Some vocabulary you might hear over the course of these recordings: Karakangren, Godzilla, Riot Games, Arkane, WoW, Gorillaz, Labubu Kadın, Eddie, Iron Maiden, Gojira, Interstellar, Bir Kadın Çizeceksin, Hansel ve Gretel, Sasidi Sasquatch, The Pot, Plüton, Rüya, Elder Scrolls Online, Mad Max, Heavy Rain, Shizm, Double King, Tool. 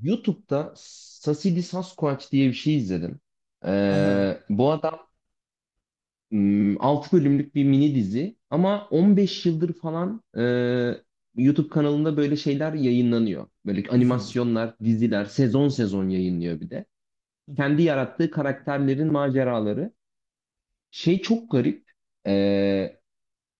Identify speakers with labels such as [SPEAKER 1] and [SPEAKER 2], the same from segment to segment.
[SPEAKER 1] YouTube'da Sasidi Sasquatch diye bir şey izledim.
[SPEAKER 2] Aha.
[SPEAKER 1] Bu adam 6 bölümlük bir mini dizi ama 15 yıldır falan YouTube kanalında böyle şeyler yayınlanıyor. Böyle
[SPEAKER 2] Mhm.
[SPEAKER 1] animasyonlar, diziler sezon sezon yayınlıyor bir de. Kendi
[SPEAKER 2] Mhm.
[SPEAKER 1] yarattığı karakterlerin maceraları. Şey çok garip. Ee,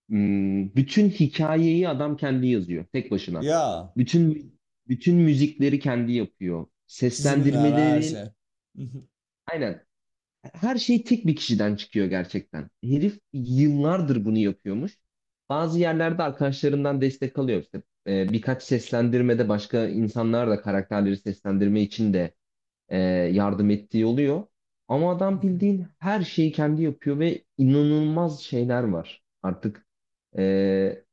[SPEAKER 1] Bütün hikayeyi adam kendi yazıyor tek başına.
[SPEAKER 2] Ya
[SPEAKER 1] Bütün bütün müzikleri kendi yapıyor.
[SPEAKER 2] çizimler her
[SPEAKER 1] Seslendirmelerin
[SPEAKER 2] şey. Mhm.
[SPEAKER 1] aynen, her şey tek bir kişiden çıkıyor gerçekten. Herif yıllardır bunu yapıyormuş. Bazı yerlerde arkadaşlarından destek alıyor işte. Birkaç seslendirmede başka insanlar da karakterleri seslendirme için de e, yardım ettiği oluyor. Ama adam
[SPEAKER 2] Mhm.
[SPEAKER 1] bildiğin her şeyi kendi yapıyor ve inanılmaz şeyler var. Artık e,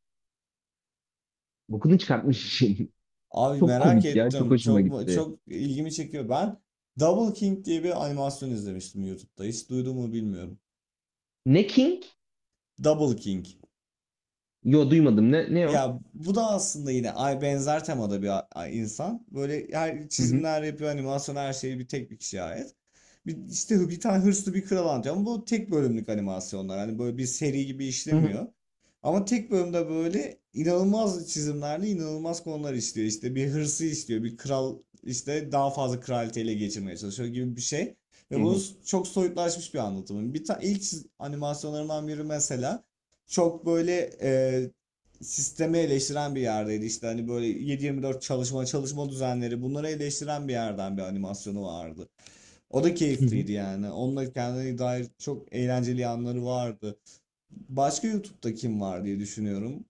[SPEAKER 1] bokunu çıkartmış işin.
[SPEAKER 2] Abi
[SPEAKER 1] Çok
[SPEAKER 2] merak
[SPEAKER 1] komik ya, çok
[SPEAKER 2] ettim.
[SPEAKER 1] hoşuma
[SPEAKER 2] Çok
[SPEAKER 1] gitti.
[SPEAKER 2] çok ilgimi çekiyor. Ben Double King diye bir animasyon izlemiştim YouTube'da. Hiç duydun mu bilmiyorum.
[SPEAKER 1] Ne King?
[SPEAKER 2] Double King.
[SPEAKER 1] Yo, duymadım. Ne o?
[SPEAKER 2] Ya bu da aslında yine ay benzer temada bir insan. Böyle her
[SPEAKER 1] Hı hı.
[SPEAKER 2] çizimler yapıyor, animasyon her şeyi bir tek bir kişiye ait. Bir, işte bir tane hırslı bir kral anlatıyor ama bu tek bölümlük animasyonlar. Hani böyle bir seri gibi
[SPEAKER 1] Hı hı.
[SPEAKER 2] işlemiyor. Ama tek bölümde böyle inanılmaz çizimlerle inanılmaz konular işliyor. İşte bir hırsı işliyor, bir kral işte daha fazla kraliyeti ele geçirmeye çalışıyor gibi bir şey. Ve
[SPEAKER 1] Hı
[SPEAKER 2] bunu
[SPEAKER 1] hı.
[SPEAKER 2] çok soyutlaşmış bir anlatımı. Bir ilk animasyonlarından biri mesela çok böyle sistemi eleştiren bir yerdeydi. İşte hani böyle 7/24 çalışma çalışma düzenleri bunları eleştiren bir yerden bir animasyonu vardı. O da
[SPEAKER 1] Hı hı.
[SPEAKER 2] keyifliydi yani. Onunla kendine dair çok eğlenceli yanları vardı. Başka YouTube'da kim var diye düşünüyorum.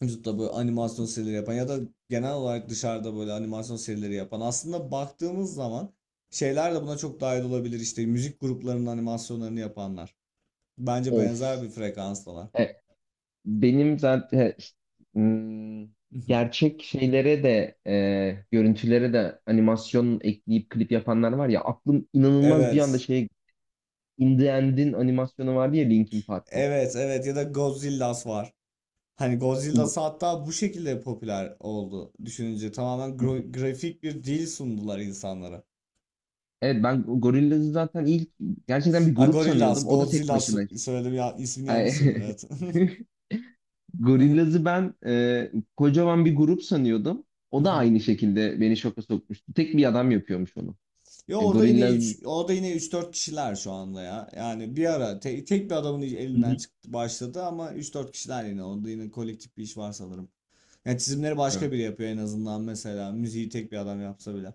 [SPEAKER 2] YouTube'da böyle animasyon serileri yapan ya da genel olarak dışarıda böyle animasyon serileri yapan. Aslında baktığımız zaman şeyler de buna çok dahil olabilir. İşte müzik gruplarının animasyonlarını yapanlar. Bence benzer
[SPEAKER 1] Of,
[SPEAKER 2] bir frekanstalar.
[SPEAKER 1] benim zaten hmm, gerçek şeylere de, görüntülere de animasyon ekleyip klip yapanlar var ya, aklım inanılmaz bir anda
[SPEAKER 2] Evet.
[SPEAKER 1] şey, In The End'in animasyonu vardı ya, Linkin Park'ın.
[SPEAKER 2] Evet evet ya da Godzilla'sı var. Hani
[SPEAKER 1] Go-
[SPEAKER 2] Godzilla'sı hatta bu şekilde popüler oldu düşününce. Tamamen grafik bir dil sundular insanlara.
[SPEAKER 1] Evet, ben Gorillaz'ı zaten ilk gerçekten bir
[SPEAKER 2] Ha
[SPEAKER 1] grup
[SPEAKER 2] Gorillaz,
[SPEAKER 1] sanıyordum. O da tek
[SPEAKER 2] Godzilla
[SPEAKER 1] başına.
[SPEAKER 2] söyledim ya ismini yanlış söyledim
[SPEAKER 1] Ay,
[SPEAKER 2] evet.
[SPEAKER 1] Gorillaz'ı ben kocaman bir grup sanıyordum. O da aynı şekilde beni şoka sokmuştu. Tek bir adam yapıyormuş onu.
[SPEAKER 2] Ya orada yine
[SPEAKER 1] Gorillaz.
[SPEAKER 2] üç, orada yine üç dört kişiler şu anda ya. Yani bir ara tek bir adamın elinden
[SPEAKER 1] Hı
[SPEAKER 2] çıktı başladı ama üç dört kişiler yine orada yine kolektif bir iş var sanırım. Yani çizimleri
[SPEAKER 1] hı.
[SPEAKER 2] başka biri yapıyor en azından mesela müziği tek bir adam yapsa bile.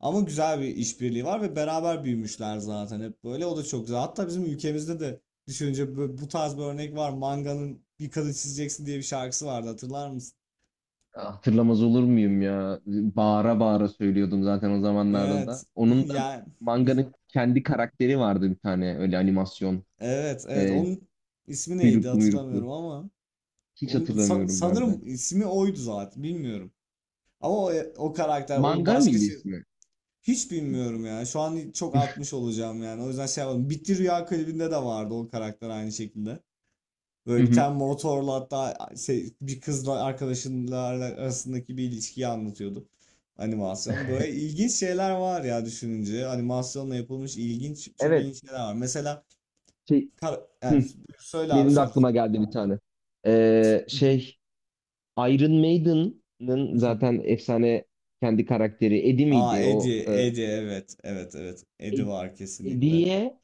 [SPEAKER 2] Ama güzel bir işbirliği var ve beraber büyümüşler zaten hep böyle. O da çok güzel. Hatta bizim ülkemizde de düşününce bu tarz bir örnek var. Manga'nın Bir Kadın Çizeceksin diye bir şarkısı vardı hatırlar mısın?
[SPEAKER 1] Hatırlamaz olur muyum ya? Bağıra bağıra söylüyordum zaten o zamanlarda da.
[SPEAKER 2] Evet.
[SPEAKER 1] Onun da
[SPEAKER 2] Yani
[SPEAKER 1] manganın kendi karakteri vardı bir tane, öyle animasyon.
[SPEAKER 2] evet evet
[SPEAKER 1] E,
[SPEAKER 2] onun ismi neydi
[SPEAKER 1] Kuyruklu muyruklu.
[SPEAKER 2] hatırlamıyorum ama
[SPEAKER 1] Hiç
[SPEAKER 2] onun,
[SPEAKER 1] hatırlamıyorum ben de.
[SPEAKER 2] sanırım ismi oydu zaten bilmiyorum. Ama o, o karakter o
[SPEAKER 1] Manga
[SPEAKER 2] başka
[SPEAKER 1] mıydı
[SPEAKER 2] şey
[SPEAKER 1] ismi?
[SPEAKER 2] hiç bilmiyorum ya. Şu an çok atmış olacağım yani. O yüzden şey yapalım. Bitti Rüya klibinde de vardı o karakter aynı şekilde. Böyle
[SPEAKER 1] Hı
[SPEAKER 2] bir
[SPEAKER 1] hı.
[SPEAKER 2] tane motorla hatta şey, bir kızla arkadaşlarla arasındaki bir ilişkiyi anlatıyordu. Animasyon. Böyle ilginç şeyler var ya düşününce. Animasyonla yapılmış ilginç, çok
[SPEAKER 1] Evet.
[SPEAKER 2] ilginç şeyler var. Mesela
[SPEAKER 1] Şey,
[SPEAKER 2] yani
[SPEAKER 1] hı,
[SPEAKER 2] söyle abi
[SPEAKER 1] Benim de
[SPEAKER 2] sonra.
[SPEAKER 1] aklıma geldi bir tane. Ee, şey Iron Maiden'ın zaten efsane kendi karakteri Eddie
[SPEAKER 2] Aa
[SPEAKER 1] miydi o?
[SPEAKER 2] Eddie, Eddie evet, evet, evet. Eddie
[SPEAKER 1] Ed-
[SPEAKER 2] var kesinlikle.
[SPEAKER 1] Eddie'ye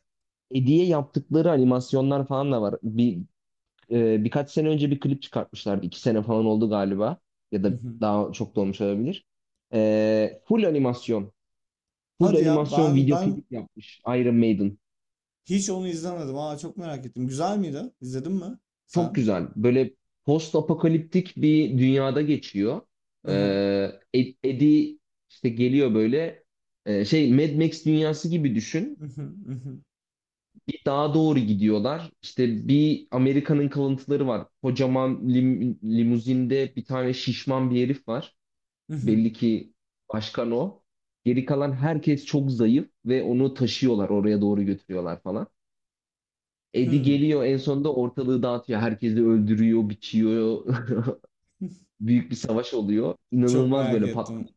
[SPEAKER 1] Eddie'ye yaptıkları animasyonlar falan da var. Bir birkaç sene önce bir klip çıkartmışlardı. İki sene falan oldu galiba. Ya
[SPEAKER 2] Hı
[SPEAKER 1] da
[SPEAKER 2] hı.
[SPEAKER 1] daha çok da olmuş olabilir. Full animasyon. Full
[SPEAKER 2] Hadi ya
[SPEAKER 1] animasyon
[SPEAKER 2] ben
[SPEAKER 1] video
[SPEAKER 2] ben
[SPEAKER 1] klip yapmış Iron Maiden.
[SPEAKER 2] hiç onu izlemedim. Aa çok merak ettim. Güzel miydi? İzledin mi
[SPEAKER 1] Çok
[SPEAKER 2] sen?
[SPEAKER 1] güzel. Böyle post apokaliptik bir dünyada geçiyor.
[SPEAKER 2] Hı
[SPEAKER 1] E,
[SPEAKER 2] hı.
[SPEAKER 1] Eddie işte geliyor böyle. Mad Max dünyası gibi düşün.
[SPEAKER 2] Hı hı, hı hı,
[SPEAKER 1] Bir dağa doğru gidiyorlar. İşte bir Amerika'nın kalıntıları var. Kocaman limuzinde bir tane şişman bir herif var.
[SPEAKER 2] hı hı.
[SPEAKER 1] Belli ki başkan o. Geri kalan herkes çok zayıf ve onu taşıyorlar, oraya doğru götürüyorlar falan. Eddie
[SPEAKER 2] Hmm,
[SPEAKER 1] geliyor en sonunda, ortalığı dağıtıyor. Herkesi öldürüyor, biçiyor. Büyük bir savaş oluyor.
[SPEAKER 2] çok
[SPEAKER 1] İnanılmaz
[SPEAKER 2] merak
[SPEAKER 1] böyle patlamış.
[SPEAKER 2] ettim.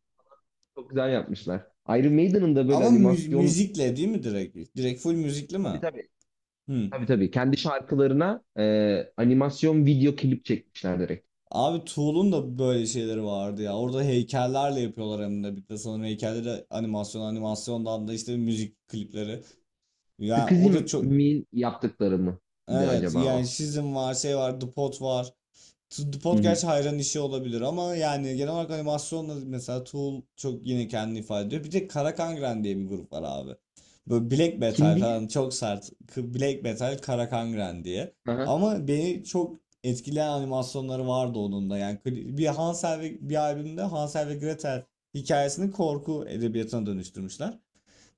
[SPEAKER 1] Çok güzel yapmışlar. Iron Maiden'ın da böyle
[SPEAKER 2] Ama
[SPEAKER 1] animasyon...
[SPEAKER 2] müzikle değil mi direkt? Direkt full müzikli
[SPEAKER 1] Tabii
[SPEAKER 2] mi?
[SPEAKER 1] tabii.
[SPEAKER 2] Hı.
[SPEAKER 1] Tabii tabii. Kendi şarkılarına animasyon video klip çekmişler direkt.
[SPEAKER 2] Abi Tool'un da böyle şeyleri vardı ya. Orada heykellerle yapıyorlar hem de bir de sanırım heykelleri animasyondan da işte müzik klipleri. Yani o da çok
[SPEAKER 1] Skizim'in yaptıkları mıydı
[SPEAKER 2] evet
[SPEAKER 1] acaba
[SPEAKER 2] yani
[SPEAKER 1] o?
[SPEAKER 2] Shizm var şey var The Pot var. The
[SPEAKER 1] Hı
[SPEAKER 2] Pod
[SPEAKER 1] hı.
[SPEAKER 2] gerçi hayran işi olabilir ama yani genel olarak animasyonla mesela Tool çok yine kendini ifade ediyor. Bir de Karakangren diye bir grup var abi. Böyle Black
[SPEAKER 1] Kim
[SPEAKER 2] Metal
[SPEAKER 1] diye?
[SPEAKER 2] falan çok sert. Black Metal Karakangren diye.
[SPEAKER 1] Aha.
[SPEAKER 2] Ama beni çok etkileyen animasyonları vardı onun da. Yani bir Hansel ve bir albümde Hansel ve Gretel hikayesini korku edebiyatına dönüştürmüşler.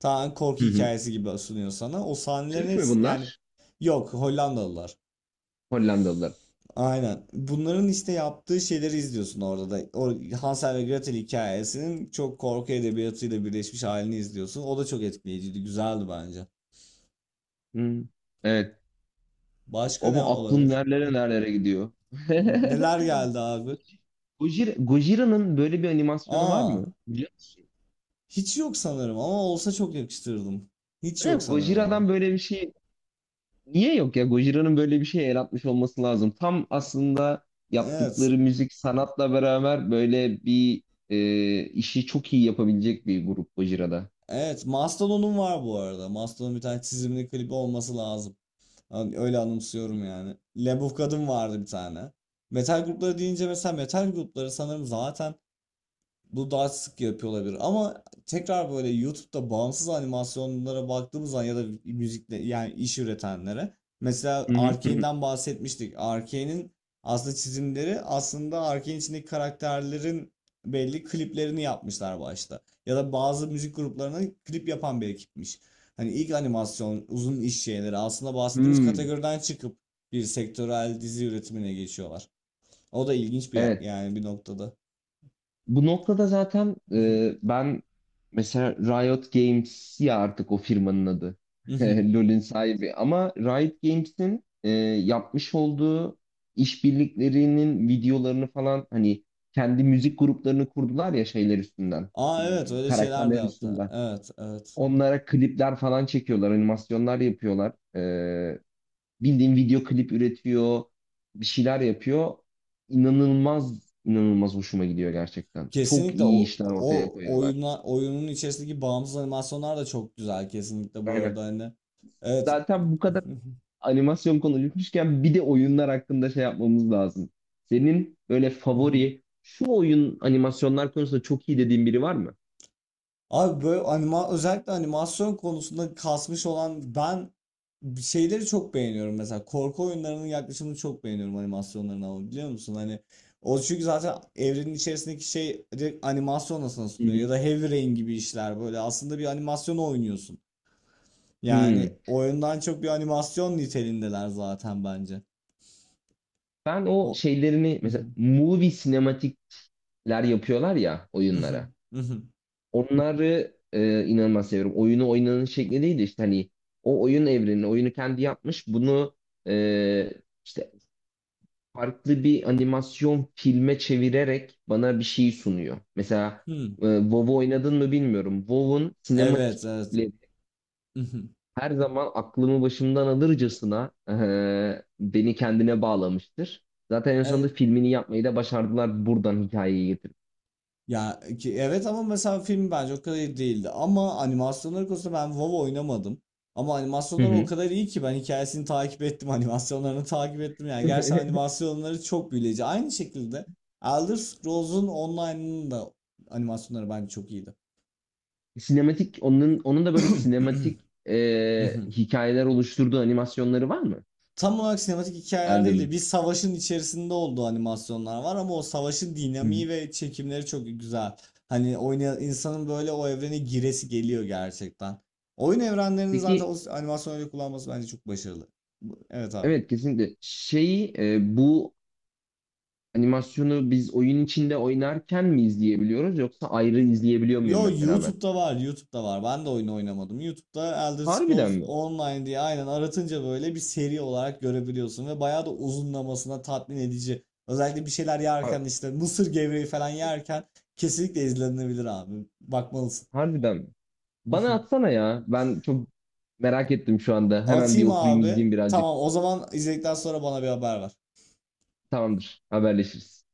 [SPEAKER 2] Tamamen korku
[SPEAKER 1] Hı hı.
[SPEAKER 2] hikayesi gibi sunuyor sana. O sahnelerin
[SPEAKER 1] Türk mü
[SPEAKER 2] hepsi yani
[SPEAKER 1] bunlar?
[SPEAKER 2] yok Hollandalılar.
[SPEAKER 1] Hollandalılar.
[SPEAKER 2] Aynen. Bunların işte yaptığı şeyleri izliyorsun orada da. O Hansel ve Gretel hikayesinin çok korku edebiyatıyla birleşmiş halini izliyorsun. O da çok etkileyiciydi. Güzeldi bence.
[SPEAKER 1] Hmm. Evet.
[SPEAKER 2] Başka ne
[SPEAKER 1] Ama aklım
[SPEAKER 2] olabilir?
[SPEAKER 1] nerelere nerelere gidiyor.
[SPEAKER 2] Neler geldi abi?
[SPEAKER 1] Gojira, Gojira'nın böyle bir animasyonu var
[SPEAKER 2] Aa,
[SPEAKER 1] mı? Biliyor musun?
[SPEAKER 2] hiç yok sanırım ama olsa çok yakıştırırdım. Hiç yok
[SPEAKER 1] Evet,
[SPEAKER 2] sanırım ama.
[SPEAKER 1] Gojira'dan böyle bir şey niye yok ya? Gojira'nın böyle bir şey el atmış olması lazım. Tam aslında
[SPEAKER 2] Evet.
[SPEAKER 1] yaptıkları müzik sanatla beraber böyle bir, işi çok iyi yapabilecek bir grup Gojira'da.
[SPEAKER 2] Evet. Mastodon'un var bu arada. Mastodon'un bir tane çizimli klibi olması lazım. Hani öyle anımsıyorum yani. Labubu Kadın vardı bir tane. Metal grupları deyince mesela metal grupları sanırım zaten bu daha sık yapıyor olabilir ama tekrar böyle YouTube'da bağımsız animasyonlara baktığımız zaman ya da müzikle yani iş üretenlere mesela
[SPEAKER 1] Hı hı hı, hı.
[SPEAKER 2] Arkane'den bahsetmiştik. Arkane'in aslında çizimleri aslında Arkane içindeki karakterlerin belli kliplerini yapmışlar başta. Ya da bazı müzik gruplarına klip yapan bir ekipmiş. Hani ilk animasyon, uzun iş şeyleri aslında bahsettiğimiz
[SPEAKER 1] Hmm.
[SPEAKER 2] kategoriden çıkıp bir sektörel dizi üretimine geçiyorlar. O da ilginç bir
[SPEAKER 1] Evet.
[SPEAKER 2] yani bir noktada.
[SPEAKER 1] Bu noktada zaten ben mesela Riot Games, ya artık o firmanın adı. LoL'ün sahibi. Ama Riot Games'in yapmış olduğu işbirliklerinin videolarını falan, hani kendi müzik gruplarını kurdular ya, şeyler üstünden.
[SPEAKER 2] Aa evet
[SPEAKER 1] Hmm,
[SPEAKER 2] öyle şeyler de
[SPEAKER 1] karakterler
[SPEAKER 2] yaptı.
[SPEAKER 1] üstünden.
[SPEAKER 2] Evet evet.
[SPEAKER 1] Onlara klipler falan çekiyorlar, animasyonlar yapıyorlar. Bildiğin video klip üretiyor, bir şeyler yapıyor. İnanılmaz, inanılmaz hoşuma gidiyor gerçekten. Çok
[SPEAKER 2] Kesinlikle
[SPEAKER 1] iyi
[SPEAKER 2] o,
[SPEAKER 1] işler ortaya
[SPEAKER 2] o
[SPEAKER 1] koyuyorlar.
[SPEAKER 2] oyuna, oyunun içerisindeki bağımsız animasyonlar da çok güzel kesinlikle bu
[SPEAKER 1] Aynen.
[SPEAKER 2] arada hani. Evet.
[SPEAKER 1] Zaten bu kadar animasyon konuşmuşken bir de oyunlar hakkında şey yapmamız lazım. Senin böyle favori, şu oyun animasyonlar konusunda çok iyi dediğin biri var mı?
[SPEAKER 2] Abi böyle özellikle animasyon konusunda kasmış olan ben şeyleri çok beğeniyorum mesela korku oyunlarının yaklaşımını çok beğeniyorum animasyonlarına ama biliyor musun hani o çünkü zaten evrenin içerisindeki şey direkt animasyon nasıl
[SPEAKER 1] Hı
[SPEAKER 2] sunuyor ya
[SPEAKER 1] hı.
[SPEAKER 2] da Heavy Rain gibi işler böyle aslında bir animasyon oynuyorsun.
[SPEAKER 1] Hmm.
[SPEAKER 2] Yani oyundan çok bir animasyon niteliğindeler zaten bence.
[SPEAKER 1] Ben o
[SPEAKER 2] O
[SPEAKER 1] şeylerini, mesela movie sinematikler yapıyorlar ya oyunlara, onları inanılmaz seviyorum. Oyunu oynanın şekli değil de işte hani o oyun evrenini, oyunu kendi yapmış. Bunu e, işte farklı bir animasyon filme çevirerek bana bir şey sunuyor. Mesela WoW oynadın mı bilmiyorum. WoW'un
[SPEAKER 2] Evet, evet.
[SPEAKER 1] sinematikleri her zaman aklımı başımdan alırcasına beni kendine bağlamıştır. Zaten en sonunda
[SPEAKER 2] Evet.
[SPEAKER 1] filmini yapmayı da başardılar buradan hikayeyi getirip.
[SPEAKER 2] Ya ki evet ama mesela film bence o kadar iyi değildi. Ama animasyonlar konusunda ben WoW oynamadım. Ama
[SPEAKER 1] Hı
[SPEAKER 2] animasyonlar o
[SPEAKER 1] hı.
[SPEAKER 2] kadar iyi ki ben hikayesini takip ettim, animasyonlarını takip ettim. Yani gerçekten animasyonları çok büyüleyici. Aynı şekilde Elder Scrolls'un online'ının da animasyonları bence çok iyiydi.
[SPEAKER 1] Sinematik, onun da böyle sinematik hikayeler oluşturduğu animasyonları var mı
[SPEAKER 2] Tam olarak sinematik hikayeler değil de
[SPEAKER 1] Elder'ın?
[SPEAKER 2] bir savaşın içerisinde olduğu animasyonlar var ama o savaşın
[SPEAKER 1] Hı
[SPEAKER 2] dinamiği
[SPEAKER 1] hı.
[SPEAKER 2] ve çekimleri çok güzel. Hani oynayan insanın böyle o evrene giresi geliyor gerçekten. Oyun evrenlerini zaten
[SPEAKER 1] Peki,
[SPEAKER 2] o animasyon öyle kullanması bence çok başarılı. Evet abi.
[SPEAKER 1] evet, kesinlikle şeyi, bu animasyonu biz oyun içinde oynarken mi izleyebiliyoruz yoksa ayrı izleyebiliyor muyum
[SPEAKER 2] Yo
[SPEAKER 1] mesela ben?
[SPEAKER 2] YouTube'da var, YouTube'da var. Ben de oyunu oynamadım. YouTube'da Elder
[SPEAKER 1] Harbiden
[SPEAKER 2] Scrolls
[SPEAKER 1] mi?
[SPEAKER 2] Online diye aynen aratınca böyle bir seri olarak görebiliyorsun ve bayağı da uzunlamasına tatmin edici. Özellikle bir şeyler
[SPEAKER 1] Ha-
[SPEAKER 2] yerken işte mısır gevreği falan yerken kesinlikle izlenebilir abi. Bakmalısın.
[SPEAKER 1] Harbiden mi? Bana atsana ya. Ben çok merak ettim şu anda. Hemen bir
[SPEAKER 2] Atayım
[SPEAKER 1] oturayım
[SPEAKER 2] abi.
[SPEAKER 1] izleyeyim birazcık.
[SPEAKER 2] Tamam o zaman izledikten sonra bana bir haber ver.
[SPEAKER 1] Tamamdır. Haberleşiriz.